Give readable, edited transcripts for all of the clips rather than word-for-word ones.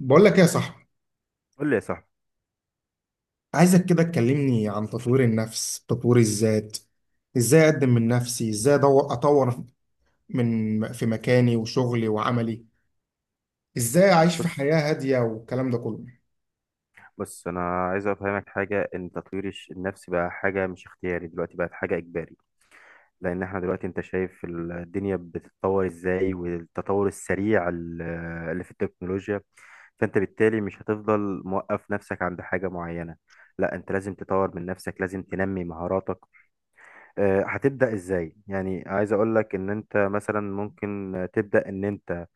بقول لك ايه يا صاحبي؟ قول لي يا صاحبي. عايزك كده تكلمني عن تطوير النفس، تطوير الذات. ازاي اقدم من نفسي، ازاي ادور اطور من في مكاني وشغلي وعملي. ازاي اعيش في بص، حياة هادية والكلام ده كله. انا عايز افهمك حاجه ان تطوير النفس بقى حاجه مش اختياري، دلوقتي بقت حاجه اجباري. لان احنا دلوقتي انت شايف الدنيا بتتطور ازاي، والتطور السريع اللي في التكنولوجيا. فانت بالتالي مش هتفضل موقف نفسك عند حاجه معينه، لا انت لازم تطور من نفسك، لازم تنمي مهاراتك. هتبدا ازاي؟ يعني عايز اقول لك ان انت مثلا ممكن تبدا ان انت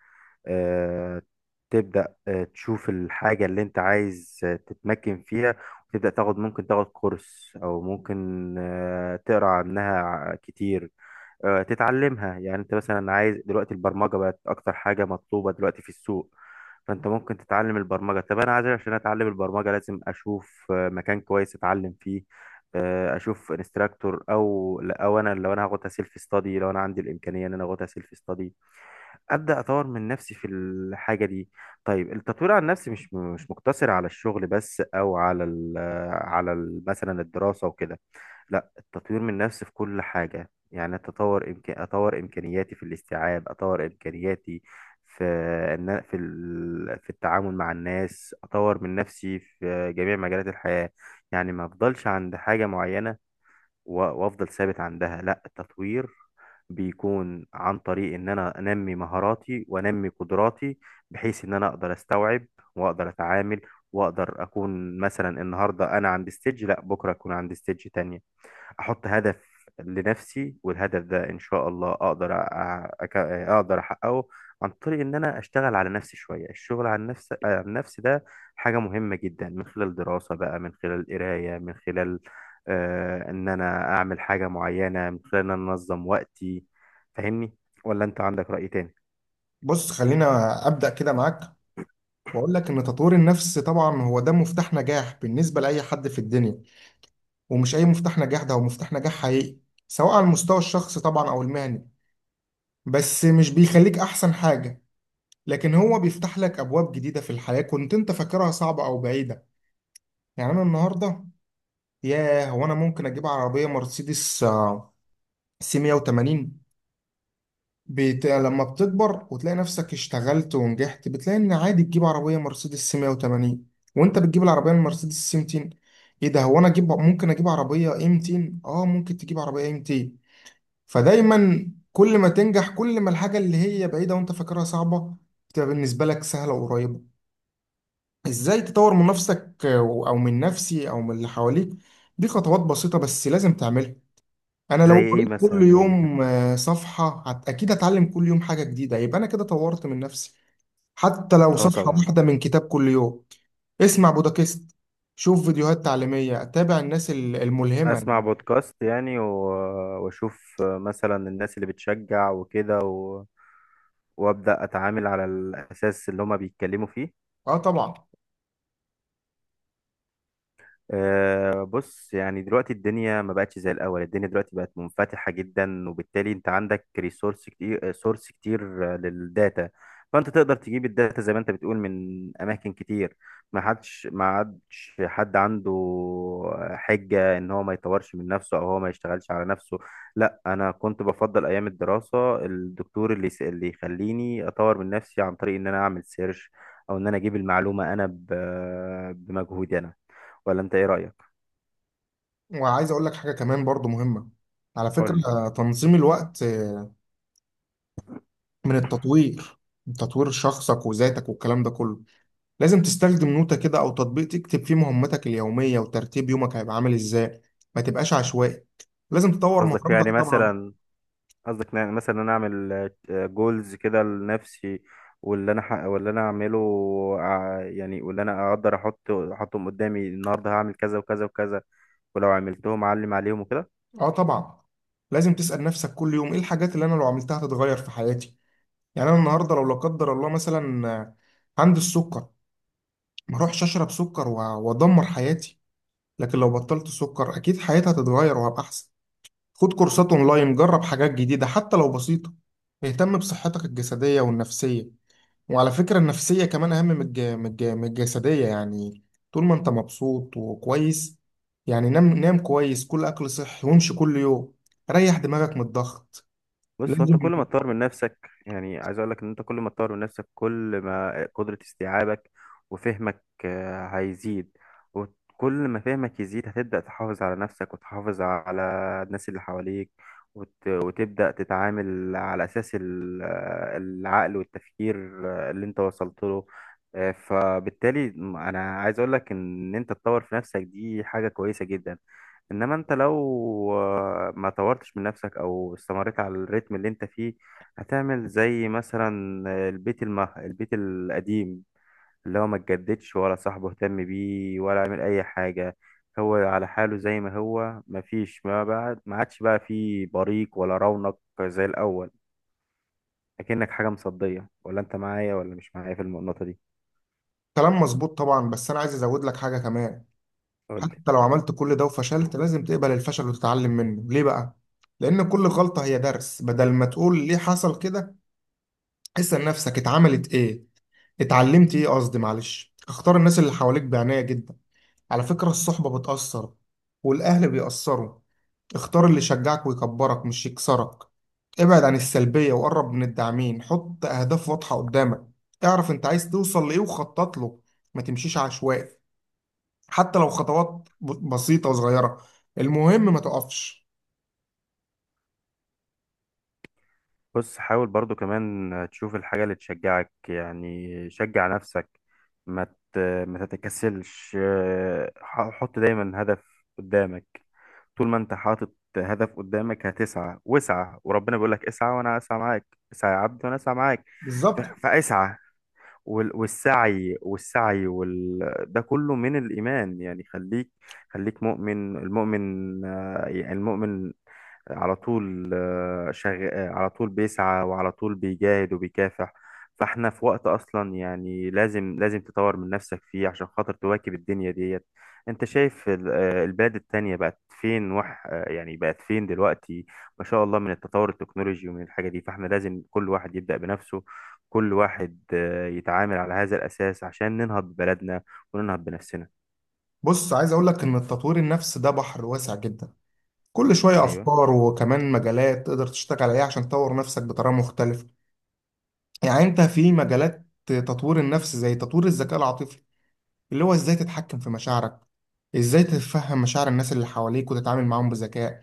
آه، تبدأ تشوف الحاجة اللي انت عايز تتمكن فيها، وتبدأ تاخد، ممكن تاخد كورس او ممكن تقرا عنها كتير، تتعلمها. يعني انت مثلا عايز دلوقتي، البرمجة بقت اكتر حاجة مطلوبة دلوقتي في السوق، فانت ممكن تتعلم البرمجة. طب انا عايز، عشان اتعلم البرمجة لازم اشوف مكان كويس اتعلم فيه، اشوف انستراكتور او انا، لو انا هاخدها سيلف ستادي، لو انا عندي الامكانية ان انا اخدها سيلف ستادي، ابدا اطور من نفسي في الحاجه دي. طيب، التطوير عن نفسي مش مقتصر على الشغل بس، او على ال على ال مثلا الدراسه وكده. لا، التطوير من نفسي في كل حاجه، يعني اتطور، اطور امكانياتي في الاستيعاب، اطور امكانياتي في ان في التعامل مع الناس، اطور من نفسي في جميع مجالات الحياه. يعني ما افضلش عند حاجه معينه وافضل ثابت عندها. لا، التطوير بيكون عن طريق ان انا انمي مهاراتي وانمي قدراتي، بحيث ان انا اقدر استوعب واقدر اتعامل واقدر اكون، مثلا النهارده انا عند ستيج، لا بكره اكون عند ستيج تانية. احط هدف لنفسي، والهدف ده ان شاء الله اقدر اقدر احققه، عن طريق ان انا اشتغل على نفسي شويه. الشغل على النفس، ده حاجه مهمه جدا، من خلال دراسه بقى، من خلال قرايه، من خلال ان انا اعمل حاجه معينه، من خلال ان انا انظم وقتي. فاهمني، ولا انت عندك رأي تاني؟ بص، خلينا ابدا كده معاك، واقول لك ان تطوير النفس طبعا هو ده مفتاح نجاح بالنسبة لاي حد في الدنيا. ومش اي مفتاح نجاح، ده هو مفتاح نجاح حقيقي، سواء على المستوى الشخصي طبعا او المهني. بس مش بيخليك احسن حاجة، لكن هو بيفتح لك ابواب جديدة في الحياة كنت انت فاكرها صعبة او بعيدة. يعني انا النهارده، ياه، هو انا ممكن اجيب عربيه مرسيدس سي 180. لما بتكبر وتلاقي نفسك اشتغلت ونجحت، بتلاقي ان عادي تجيب عربيه مرسيدس سي 180، وانت بتجيب العربيه المرسيدس سي 200. ايه ده، هو انا اجيب، ممكن اجيب عربيه اي 200. اه، ممكن تجيب عربيه اي 200. فدايما كل ما تنجح، كل ما الحاجه اللي هي بعيده وانت فاكرها صعبه بتبقى بالنسبه لك سهله وقريبه. ازاي تطور من نفسك، او من نفسي او من اللي حواليك؟ دي خطوات بسيطة بس لازم تعملها. انا زي لو ايه قريت كل مثلا يعني؟ يوم صفحة، اكيد هتعلم كل يوم حاجة جديدة، يبقى انا كده طورت من نفسي. حتى لو اه صفحة طبعا. واحدة من كتاب كل يوم. اسمع بودكاست، شوف فيديوهات تعليمية، اتابع الناس الملهمة يعني. اسمع بودكاست يعني، واشوف مثلا الناس اللي بتشجع وكده، وابدا اتعامل على الاساس اللي هما بيتكلموا فيه. اه طبعا. بص، يعني دلوقتي الدنيا ما بقتش زي الأول، الدنيا دلوقتي بقت منفتحة جدا، وبالتالي أنت عندك ريسورس كتير، سورس كتير، للداتا. فأنت تقدر تجيب الداتا زي ما أنت بتقول من أماكن كتير. ما عادش حد عنده حجة إن هو ما يطورش من نفسه، أو هو ما يشتغلش على نفسه. لا، أنا كنت بفضل أيام الدراسة الدكتور اللي يخليني أطور من نفسي، عن طريق إن أنا أعمل سيرش، أو إن أنا أجيب المعلومة أنا بمجهودي أنا. ولا انت ايه رأيك؟ وعايز اقول لك حاجة كمان برضو مهمة. على قول فكرة، لي. تنظيم الوقت من التطوير، تطوير شخصك وذاتك والكلام ده كله. لازم تستخدم نوتة كده أو تطبيق تكتب فيه مهمتك اليومية، وترتيب يومك هيبقى عامل إزاي. ما تبقاش عشوائي. لازم تطور قصدك يعني مهاراتك طبعا. مثلا قصدك يعني مثلا انا اعمل جولز كده لنفسي، واللي انا اعمله، يعني واللي انا اقدر احطهم قدامي، النهارده هعمل كذا وكذا وكذا، ولو عملتهم اعلم عليهم وكده. آه طبعا. لازم تسأل نفسك كل يوم إيه الحاجات اللي أنا لو عملتها هتتغير في حياتي. يعني أنا النهاردة لو لا قدر الله مثلا عندي السكر، ما أروحش أشرب سكر وأدمر حياتي. لكن لو بطلت سكر أكيد حياتي هتتغير وهبقى أحسن. خد كورسات أونلاين، جرب حاجات جديدة حتى لو بسيطة. اهتم بصحتك الجسدية والنفسية. وعلى فكرة النفسية كمان أهم من الجسدية يعني. طول ما أنت مبسوط وكويس. يعني نام نام كويس، كل أكل صحي، وامشي كل يوم. ريح دماغك من الضغط. بص، هو انت لازم. كل ما تطور من نفسك، يعني عايز اقول لك ان انت كل ما تطور من نفسك، كل ما قدرة استيعابك وفهمك هيزيد. وكل ما فهمك يزيد هتبدأ تحافظ على نفسك وتحافظ على الناس اللي حواليك، وتبدأ تتعامل على أساس العقل والتفكير اللي انت وصلت له. فبالتالي انا عايز اقول لك ان انت تطور في نفسك دي حاجة كويسة جدا. انما انت لو ما طورتش من نفسك، او استمريت على الريتم اللي انت فيه، هتعمل زي مثلا البيت القديم، اللي هو ما اتجددش ولا صاحبه اهتم بيه ولا عمل اي حاجة، هو على حاله زي ما هو، ما فيش ما بعد ما عادش بقى فيه بريق ولا رونق زي الاول، اكنك حاجة مصدية. ولا انت معايا ولا مش معايا في النقطة دي؟ كلام مظبوط طبعا، بس أنا عايز أزود لك حاجة كمان. قولي. حتى لو عملت كل ده وفشلت، لازم تقبل الفشل وتتعلم منه. ليه بقى؟ لأن كل غلطة هي درس. بدل ما تقول ليه حصل كده، اسأل نفسك اتعملت إيه؟ اتعلمت إيه؟ قصدي، معلش. اختار الناس اللي حواليك بعناية جدا. على فكرة الصحبة بتأثر، والأهل بيأثروا. اختار اللي يشجعك ويكبرك مش يكسرك. ابعد عن السلبية وقرب من الداعمين. حط أهداف واضحة قدامك، اعرف أنت عايز توصل لإيه وخطط له. ما تمشيش عشوائي. حتى لو خطوات بسيطة وصغيرة، المهم ما تقفش. بص، حاول برضو كمان تشوف الحاجة اللي تشجعك، يعني شجع نفسك، ما ت- ما تتكسلش، حط دايما هدف قدامك. طول ما انت حاطط هدف قدامك هتسعى، واسعى، وربنا بيقول لك اسعى وانا اسعى معاك، اسعى يا عبدي وانا اسعى معاك. بالظبط. فاسعى. والسعي ده كله من الإيمان. يعني خليك، خليك مؤمن. المؤمن المؤمن على طول آه، شغ... آه، على طول بيسعى، وعلى طول بيجاهد وبيكافح. فاحنا في وقت اصلا يعني لازم تطور من نفسك فيه، عشان خاطر تواكب الدنيا ديت. انت شايف البلاد التانية بقت فين، دلوقتي، ما شاء الله، من التطور التكنولوجي ومن الحاجة دي. فاحنا لازم كل واحد يبدأ بنفسه، كل واحد يتعامل على هذا الأساس، عشان ننهض ببلدنا وننهض بنفسنا. بص، عايز أقولك إن التطوير النفسي ده بحر واسع جدا. كل شوية أيوه. أفكار وكمان مجالات تقدر تشتغل عليها عشان تطور نفسك بطريقة مختلفة. يعني انت في مجالات تطوير النفس زي تطوير الذكاء العاطفي، اللي هو ازاي تتحكم في مشاعرك، ازاي تتفهم مشاعر الناس اللي حواليك وتتعامل معاهم بذكاء.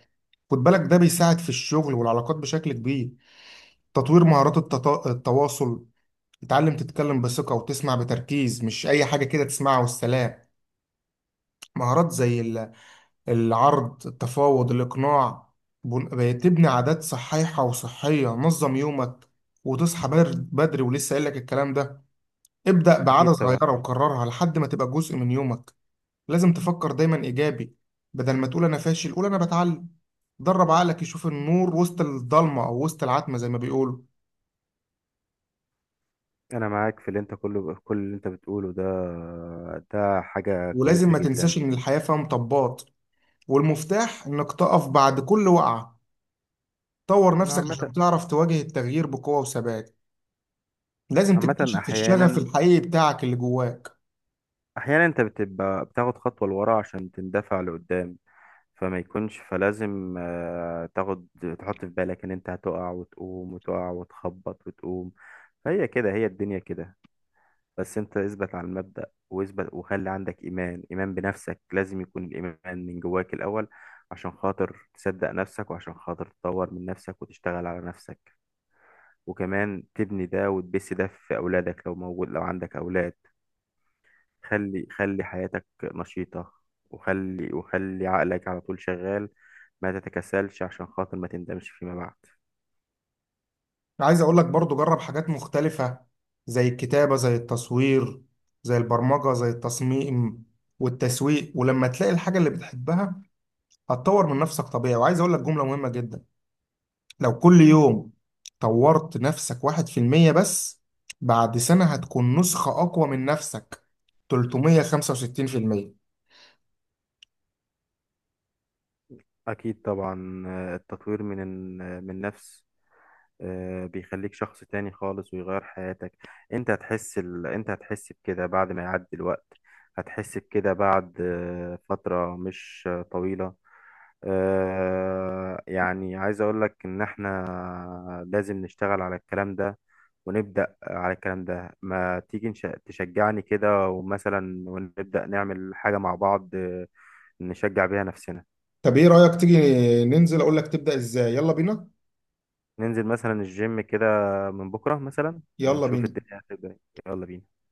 خد بالك ده بيساعد في الشغل والعلاقات بشكل كبير. تطوير مهارات التواصل. تتعلم تتكلم بثقة وتسمع بتركيز، مش أي حاجة كده تسمعها والسلام. مهارات زي العرض، التفاوض، الإقناع. تبني عادات صحيحة وصحية، نظم يومك، وتصحى بدري، ولسه قايل لك الكلام ده. ابدأ بعادة أكيد طبعا. صغيرة وكررها لحد ما تبقى جزء من يومك. لازم تفكر دايما إيجابي، بدل ما تقول أنا فاشل قول أنا بتعلم. درب عقلك يشوف النور وسط الضلمة أو وسط العتمة زي ما بيقولوا. أنا معاك في، اللي أنت كله كل اللي أنت بتقوله ده، ده حاجة ولازم كويسة ما جدا. تنساش إن الحياة فيها مطبات، والمفتاح إنك تقف بعد كل وقعة. طور نفسك عامة. عشان تعرف تواجه التغيير بقوة وثبات. لازم عامة، تكتشف الشغف أحيانا، الحقيقي بتاعك اللي جواك. أنت بتبقى بتاخد خطوة لورا عشان تندفع لقدام. فما يكونش فلازم تاخد، تحط في بالك إن أنت هتقع وتقوم وتقع وتخبط وتقوم، فهي كده، هي الدنيا كده. بس انت اثبت على المبدأ واثبت، وخلي عندك ايمان، ايمان بنفسك، لازم يكون الايمان من جواك الاول، عشان خاطر تصدق نفسك، وعشان خاطر تطور من نفسك وتشتغل على نفسك، وكمان تبني ده وتبث ده في اولادك، لو عندك اولاد. خلي حياتك نشيطة، وخلي عقلك على طول شغال، ما تتكسلش عشان خاطر ما تندمش فيما بعد. عايز اقول لك برضو جرب حاجات مختلفة، زي الكتابة زي التصوير زي البرمجة زي التصميم والتسويق. ولما تلاقي الحاجة اللي بتحبها هتطور من نفسك طبيعي. وعايز اقول لك جملة مهمة جدا: لو كل يوم طورت نفسك 1% بس، بعد سنة هتكون نسخة اقوى من نفسك 365%. اكيد طبعا. التطوير من النفس بيخليك شخص تاني خالص ويغير حياتك. انت هتحس بكده بعد ما يعدي الوقت، هتحس بكده بعد فترة مش طويلة. يعني عايز اقولك ان احنا لازم نشتغل على الكلام ده، ونبدأ على الكلام ده. ما تيجي تشجعني كده، ومثلا ونبدأ نعمل حاجة مع بعض، نشجع بيها نفسنا. طب ايه رأيك تيجي ننزل، اقول لك تبدأ ازاي؟ يلا بينا. ننزل مثلا الجيم كده من بكرة مثلا، يلا ونشوف بينا. الدنيا هتبقى إيه. يلا بينا.